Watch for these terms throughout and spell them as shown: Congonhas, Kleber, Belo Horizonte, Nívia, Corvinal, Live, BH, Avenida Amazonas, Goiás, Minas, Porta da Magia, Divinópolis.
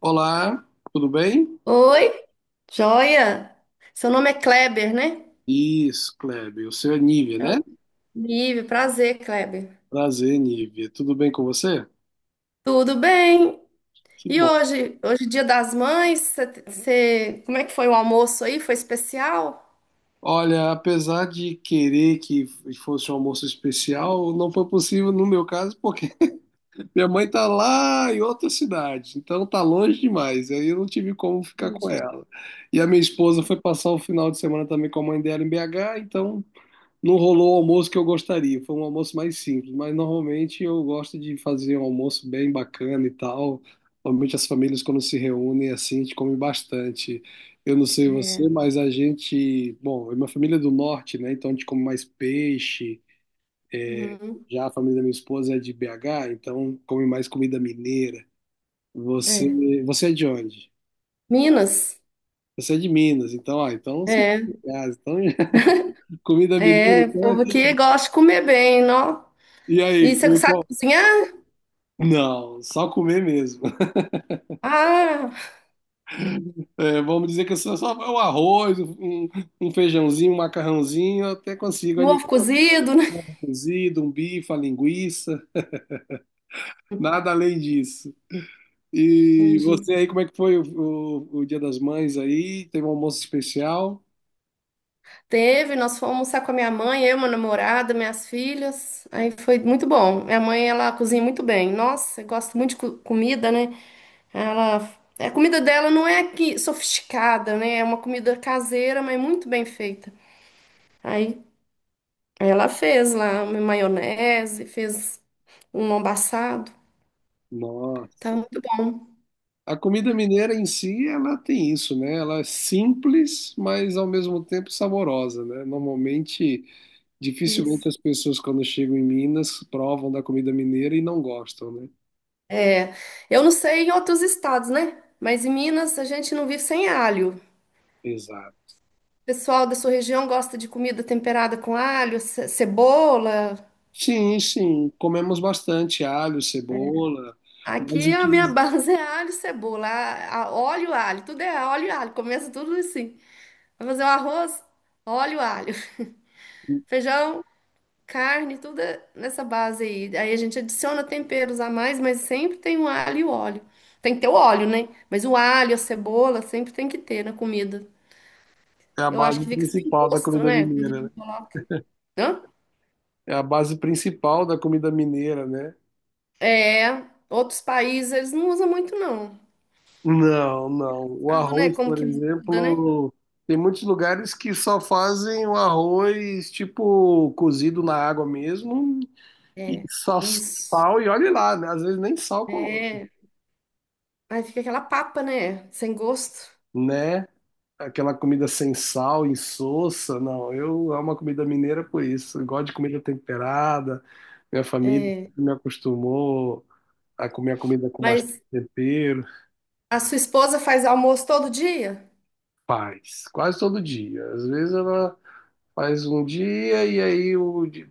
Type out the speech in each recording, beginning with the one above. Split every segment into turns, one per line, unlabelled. Olá, tudo bem?
Oi, joia! Seu nome é Kleber, né?
Isso, Kleber, o seu é Nívia,
É
né?
o Live, prazer, Kleber.
Prazer, Nívia. Tudo bem com você?
Tudo bem?
Que
E
bom.
hoje é dia das mães, como é que foi o almoço aí? Foi especial?
Olha, apesar de querer que fosse um almoço especial, não foi possível no meu caso, porque minha mãe tá lá em outra cidade, então tá longe demais, aí eu não tive como ficar com
Entendi.
ela. E a minha esposa foi passar o final de semana também com a mãe dela em BH, então não rolou o almoço que eu gostaria, foi um almoço mais simples, mas normalmente eu gosto de fazer um almoço bem bacana e tal. Normalmente as famílias quando se reúnem assim, a gente come bastante. Eu não sei
É.
você, mas a gente, bom, minha família é do norte, né? Então a gente come mais peixe.
Uhum.
Já a família da minha esposa é de BH, então come mais comida mineira. Você,
É.
você é de onde?
Minas?
Você é de Minas, então, ah, então você é
É.
de casa, então comida mineira,
É, o
então é
povo aqui
tudo.
gosta de comer bem, não?
E
E
aí,
você
foi
sabe
qual?
cozinhar?
Não, só comer mesmo.
Ah,
É, vamos dizer que eu só um arroz, um feijãozinho, um macarrãozinho, eu até consigo
um
animal
ovo cozido, né?
cozido, um bife, uma linguiça, nada além disso. E
Entendi.
você aí, como é que foi o Dia das Mães aí? Teve um almoço especial?
Teve, nós fomos almoçar com a minha mãe, eu, meu namorado, minhas filhas. Aí foi muito bom. Minha mãe, ela cozinha muito bem. Nossa, eu gosto muito de comida, né? Ela, é, a comida dela não é que sofisticada, né? É uma comida caseira, mas muito bem feita. Aí ela fez lá uma maionese, fez um lombo assado. Tá
Nossa.
muito bom.
A comida mineira em si, ela tem isso, né? Ela é simples, mas ao mesmo tempo saborosa, né? Normalmente,
Isso.
dificilmente as pessoas quando chegam em Minas provam da comida mineira e não gostam, né?
É, eu não sei em outros estados, né? Mas em Minas a gente não vive sem alho.
Exato.
Pessoal da sua região gosta de comida temperada com alho, cebola?
Sim, sim, comemos bastante alho, cebola, mas
Aqui
o
a
que
minha base é alho, cebola, óleo, alho, tudo é óleo e alho, começa tudo assim. Vai fazer o arroz, óleo, alho, feijão, carne, tudo é nessa base aí. Aí a gente adiciona temperos a mais, mas sempre tem o alho e o óleo. Tem que ter o óleo, né? Mas o alho, a cebola, sempre tem que ter na comida.
é a
Eu acho
base
que fica sem
principal da
gosto,
comida
né?
mineira, né?
Hã?
É a base principal da comida mineira, né?
É, outros países eles não usam muito, não.
Não, não. O
Ado, né?
arroz,
Como
por
que muda, né?
exemplo, tem muitos lugares que só fazem o arroz tipo cozido na água mesmo e
É,
só
isso.
sal e olhe lá, né? Às vezes nem sal coloca,
É. Aí fica aquela papa, né? Sem gosto.
né, aquela comida sem sal, insossa, não. Eu amo a comida mineira por isso. Eu gosto de comida temperada. Minha família
É.
me acostumou a comer a comida com bastante
Mas
tempero.
a sua esposa faz almoço todo dia?
Faz, quase todo dia. Às vezes ela faz um dia e aí o de,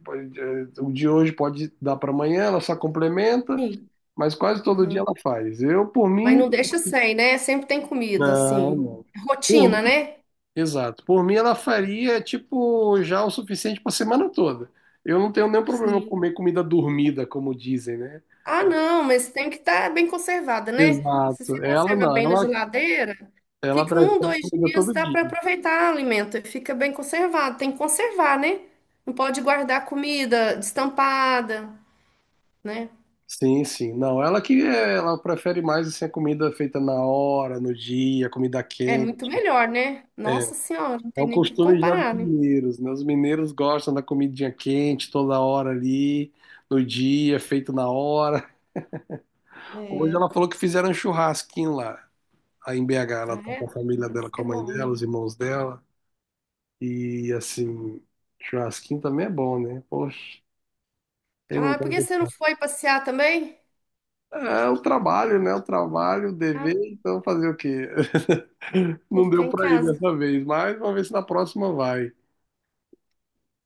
o de hoje pode dar para amanhã, ela só complementa,
Sim.
mas quase todo dia
Aham.
ela faz. Eu, por
Mas
mim,
não deixa sem, né? Sempre tem comida,
não,
assim.
não. Por
Rotina, né?
Exato. Por mim, ela faria, tipo, já o suficiente para semana toda. Eu não tenho nenhum problema em
Sim.
comer comida dormida, como dizem, né?
Ah, não, mas tem que estar bem conservada, né? Se você
Exato. Ela
conserva
não,
bem na
ela,
geladeira,
ela
fica um,
prefere
dois
comida
dias,
todo
dá
dia.
para aproveitar o alimento, e fica bem conservado. Tem que conservar, né? Não pode guardar comida destampada, né?
Sim, sim. Não, ela que ela prefere mais assim, a comida feita na hora, no dia, comida
É
quente.
muito melhor, né?
É,
Nossa Senhora, não
é
tem
o
nem o que
costume já dos
comparar, né?
mineiros, né? Os mineiros gostam da comidinha quente toda hora ali, no dia, feito na hora. Hoje
É.
ela falou que fizeram um churrasquinho lá. Aí em BH ela
Ah,
tá com a
é?
família dela,
Nossa,
com
que
a mãe
bom,
dela,
né?
os irmãos dela. E assim, churrasquinho também é bom, né? Poxa, quem não
Ah, por que você
gosta?
não foi passear também?
É o trabalho, né? O trabalho, o
Ah,
dever, então fazer o quê?
tem
Não
que ficar
deu
em
pra ir
casa.
dessa vez, mas vamos ver se na próxima vai,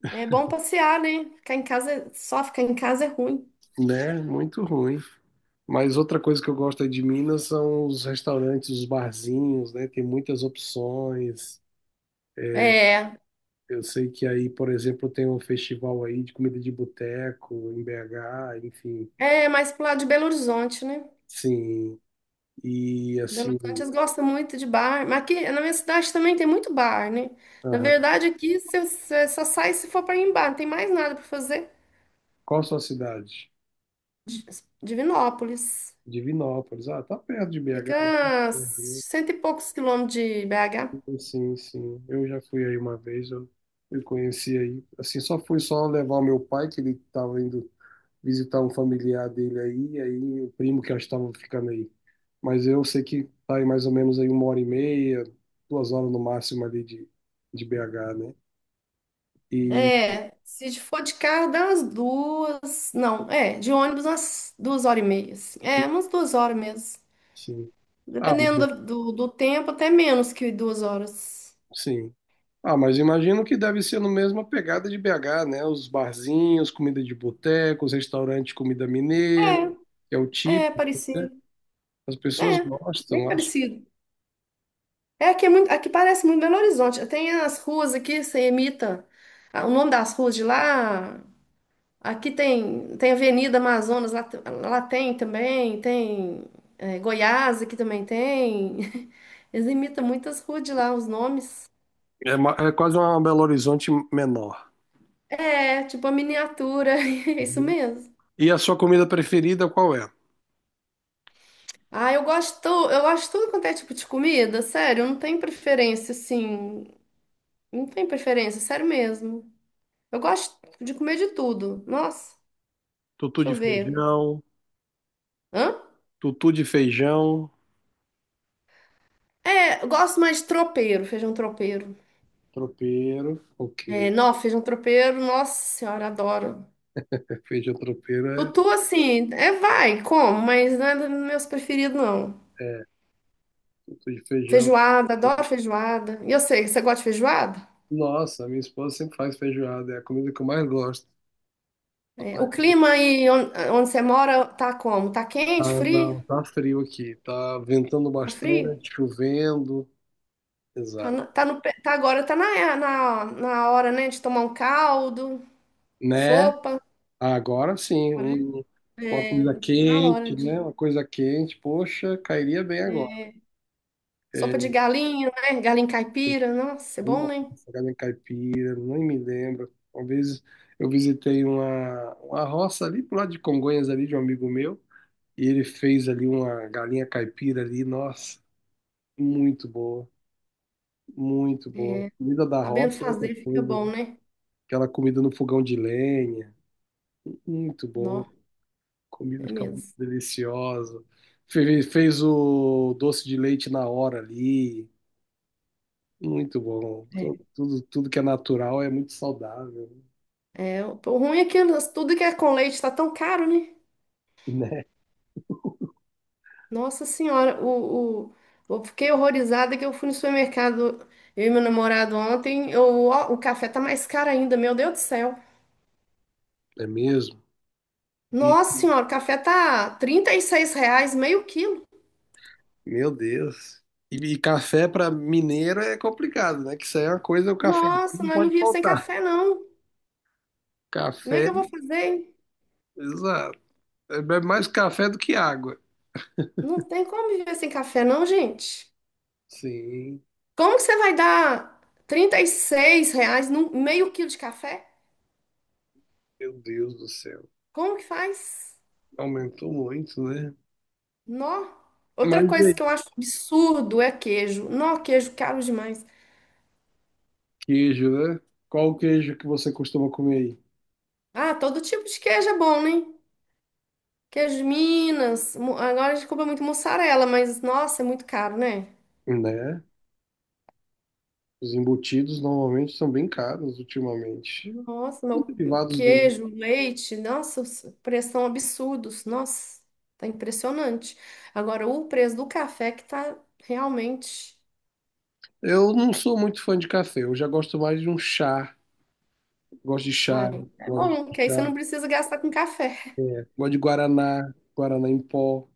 É bom passear, né? Ficar em casa, só ficar em casa é ruim.
né? Muito ruim. Mas outra coisa que eu gosto aí de Minas são os restaurantes, os barzinhos, né? Tem muitas opções.
É,
Eu sei que aí, por exemplo, tem um festival aí de comida de boteco em BH, enfim.
é mais pro lado de Belo Horizonte, né?
Sim, e
Belo Horizonte
assim,
eles gostam muito de bar, mas aqui na minha cidade também tem muito bar, né? Na
aham.
verdade, aqui você só sai se for para ir em bar, não tem mais nada para fazer.
Qual a sua cidade?
Di- Divinópolis.
Divinópolis. Ah, tá perto de BH, né?
Fica a
Uhum.
cento e poucos quilômetros de BH.
Sim, sim. Eu já fui aí uma vez, eu conheci aí. Assim, só fui só levar o meu pai, que ele estava indo visitar um familiar dele aí, e aí o primo que já estava ficando aí. Mas eu sei que tá aí mais ou menos aí uma hora e meia, duas horas no máximo ali de BH, né? E,
É, se for de carro, dá umas duas. Não, é, de ônibus, umas duas horas e meia, assim. É, umas 2 horas mesmo.
sim. Ah,
Dependendo do tempo, até menos que 2 horas.
sim. Ah, mas imagino que deve ser no mesmo a pegada de BH, né? Os barzinhos, comida de boteco, os restaurantes de comida mineira, que é o
É, é
típico, né?
parecido.
As pessoas
É, bem
gostam, acho.
parecido. É, aqui, é muito, aqui parece muito Belo Horizonte. Tem as ruas aqui, você imita o nome das ruas de lá. Aqui tem Avenida Amazonas, lá, lá tem também, tem é, Goiás, aqui também tem. Eles imitam muitas ruas de lá, os nomes.
É, é quase uma Belo Horizonte menor.
É, tipo a miniatura, é isso
Uhum.
mesmo.
E a sua comida preferida qual é?
Ah, eu gosto de tudo quanto é tipo de comida, sério, eu não tenho preferência, assim, não tenho preferência, sério mesmo. Eu gosto de comer de tudo. Nossa,
Tutu
deixa eu
de
ver.
feijão,
Hã?
tutu de feijão,
É, eu gosto mais de tropeiro, feijão tropeiro.
tropeiro. Ok,
É, não, feijão tropeiro, nossa senhora, adoro.
é, feijão tropeiro é,
Tutu, assim, é vai, como, mas não é dos meus preferidos, não.
é tutu de feijão.
Feijoada, adoro feijoada. E eu sei, você gosta de feijoada?
Nossa, minha esposa sempre faz feijoada, é a comida que eu mais gosto.
É, o clima aí onde, você mora tá como? Tá quente,
Ah,
frio?
não, tá frio aqui. Tá ventando
Tá frio?
bastante, chovendo.
Tá,
Exato.
tá, no, pe- tá agora, tá na hora, né, de tomar um caldo,
Né?
sopa,
Agora sim,
né?
uma
é,
coisa
na hora
quente,
de...
né? Uma coisa quente, poxa, cairia bem agora.
é, sopa de
É,
galinha, né? Galinha caipira, nossa, é bom,
não,
né?
farinha caipira, nem me lembro. Uma vez eu visitei uma roça ali pro lado de Congonhas, ali de um amigo meu, e ele fez ali uma galinha caipira ali, nossa, muito boa. Muito boa.
É,
Comida da
Sabendo
roça é outra
fazer fica
coisa, né?
bom, né?
Aquela comida no fogão de lenha. Muito bom. A
Não,
comida
é
fica muito
mesmo.
deliciosa. Fez o doce de leite na hora ali. Muito bom. Tu-
É.
Tudo, tudo que é natural é muito saudável,
É, o ruim é que tudo que é com leite tá tão caro, né?
né?
Nossa Senhora, eu fiquei horrorizada que eu fui no supermercado, eu e meu namorado ontem, eu, ó, o café tá mais caro ainda, meu Deus do céu.
É mesmo? E,
Nossa Senhora, o café tá R$ 36 meio quilo.
meu Deus. E café para mineiro é complicado, né? Que isso aí é uma coisa, o café
Nossa,
não
nós não
pode
vivemos sem
faltar.
café, não. Como é que
Café,
eu vou fazer? Hein?
exato. É bebe mais café do que água.
Não tem como viver sem café, não, gente.
Sim,
Como que você vai dar R$ 36 num meio quilo de café?
meu Deus do céu.
Como que faz?
Aumentou muito, né?
Nó. Outra
Mas
coisa
é,
que eu acho absurdo é queijo. Nó, queijo caro demais.
queijo, né? Qual o queijo que você costuma comer
Ah, todo tipo de queijo é bom, né? Queijo de Minas. Agora a gente compra muito mussarela, mas nossa, é muito caro, né?
aí? Né? Os embutidos normalmente são bem caros ultimamente.
Nossa, meu, o
Derivados do.
queijo, o leite, nossa, os preços são absurdos. Nossa, tá impressionante. Agora, o preço do café que tá realmente.
Eu não sou muito fã de café, eu já gosto mais de um chá. Gosto de chá,
Ai, é
gosto
bom,
de
que aí você
chá.
não precisa gastar com café.
Gosto de guaraná, guaraná em pó.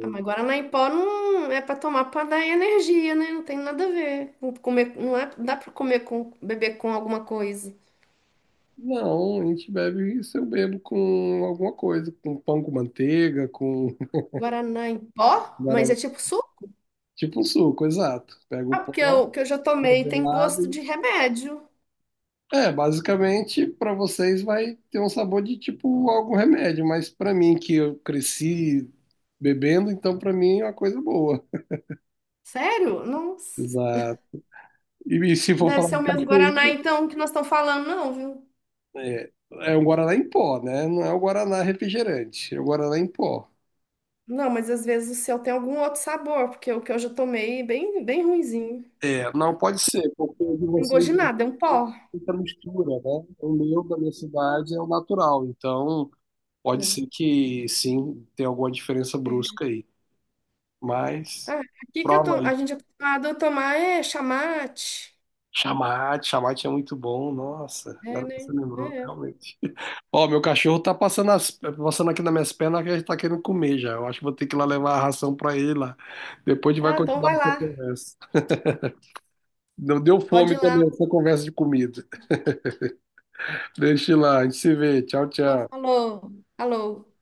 Ah, mas Guaraná em pó não é para tomar para dar energia, né? Não tem nada a ver. Com comer, não é, dá para comer com beber com alguma coisa.
Não, a gente bebe isso, eu bebo com alguma coisa, com pão com manteiga, com
Guaraná em pó? Mas
guaraná.
é tipo suco?
Tipo um suco, exato. Pega o
Ah,
pó,
porque eu, que eu já tomei tem gosto
congelado.
de remédio.
É, basicamente, para vocês vai ter um sabor de tipo algum remédio, mas para mim que eu cresci bebendo, então para mim é uma coisa boa.
Sério? Nossa.
Exato. E se for
Deve
falar
ser
de
o mesmo Guaraná
cafeína,
então que nós estamos falando, não, viu?
é, é um guaraná em pó, né? Não é o guaraná refrigerante, é o guaraná em pó.
Não, mas às vezes o seu tem algum outro sabor, porque o que eu já tomei é bem, bem ruinzinho. Não
É, não pode ser, porque o de
tem gosto
vocês
de nada, é um pó.
muita mistura, né? O meu da minha cidade é o natural, então pode
É.
ser que sim, tenha alguma diferença brusca
É.
aí. Mas
Ah, aqui que eu tô,
prova.
a gente é acostumado a tomar é chamate.
Chamate, chamate é muito bom. Nossa,
É,
agora que você
né?
lembrou,
É.
realmente. Ó, meu cachorro tá passando, passando aqui nas minhas pernas que ele tá querendo comer já. Eu acho que vou ter que ir lá levar a ração pra ele lá. Depois a gente vai
Ah, então
continuar
vai
essa
lá.
conversa. Deu
Pode
fome
ir lá.
também essa conversa de comida. Deixa eu ir lá, a gente se vê. Tchau,
Então,
tchau.
falou. Falou.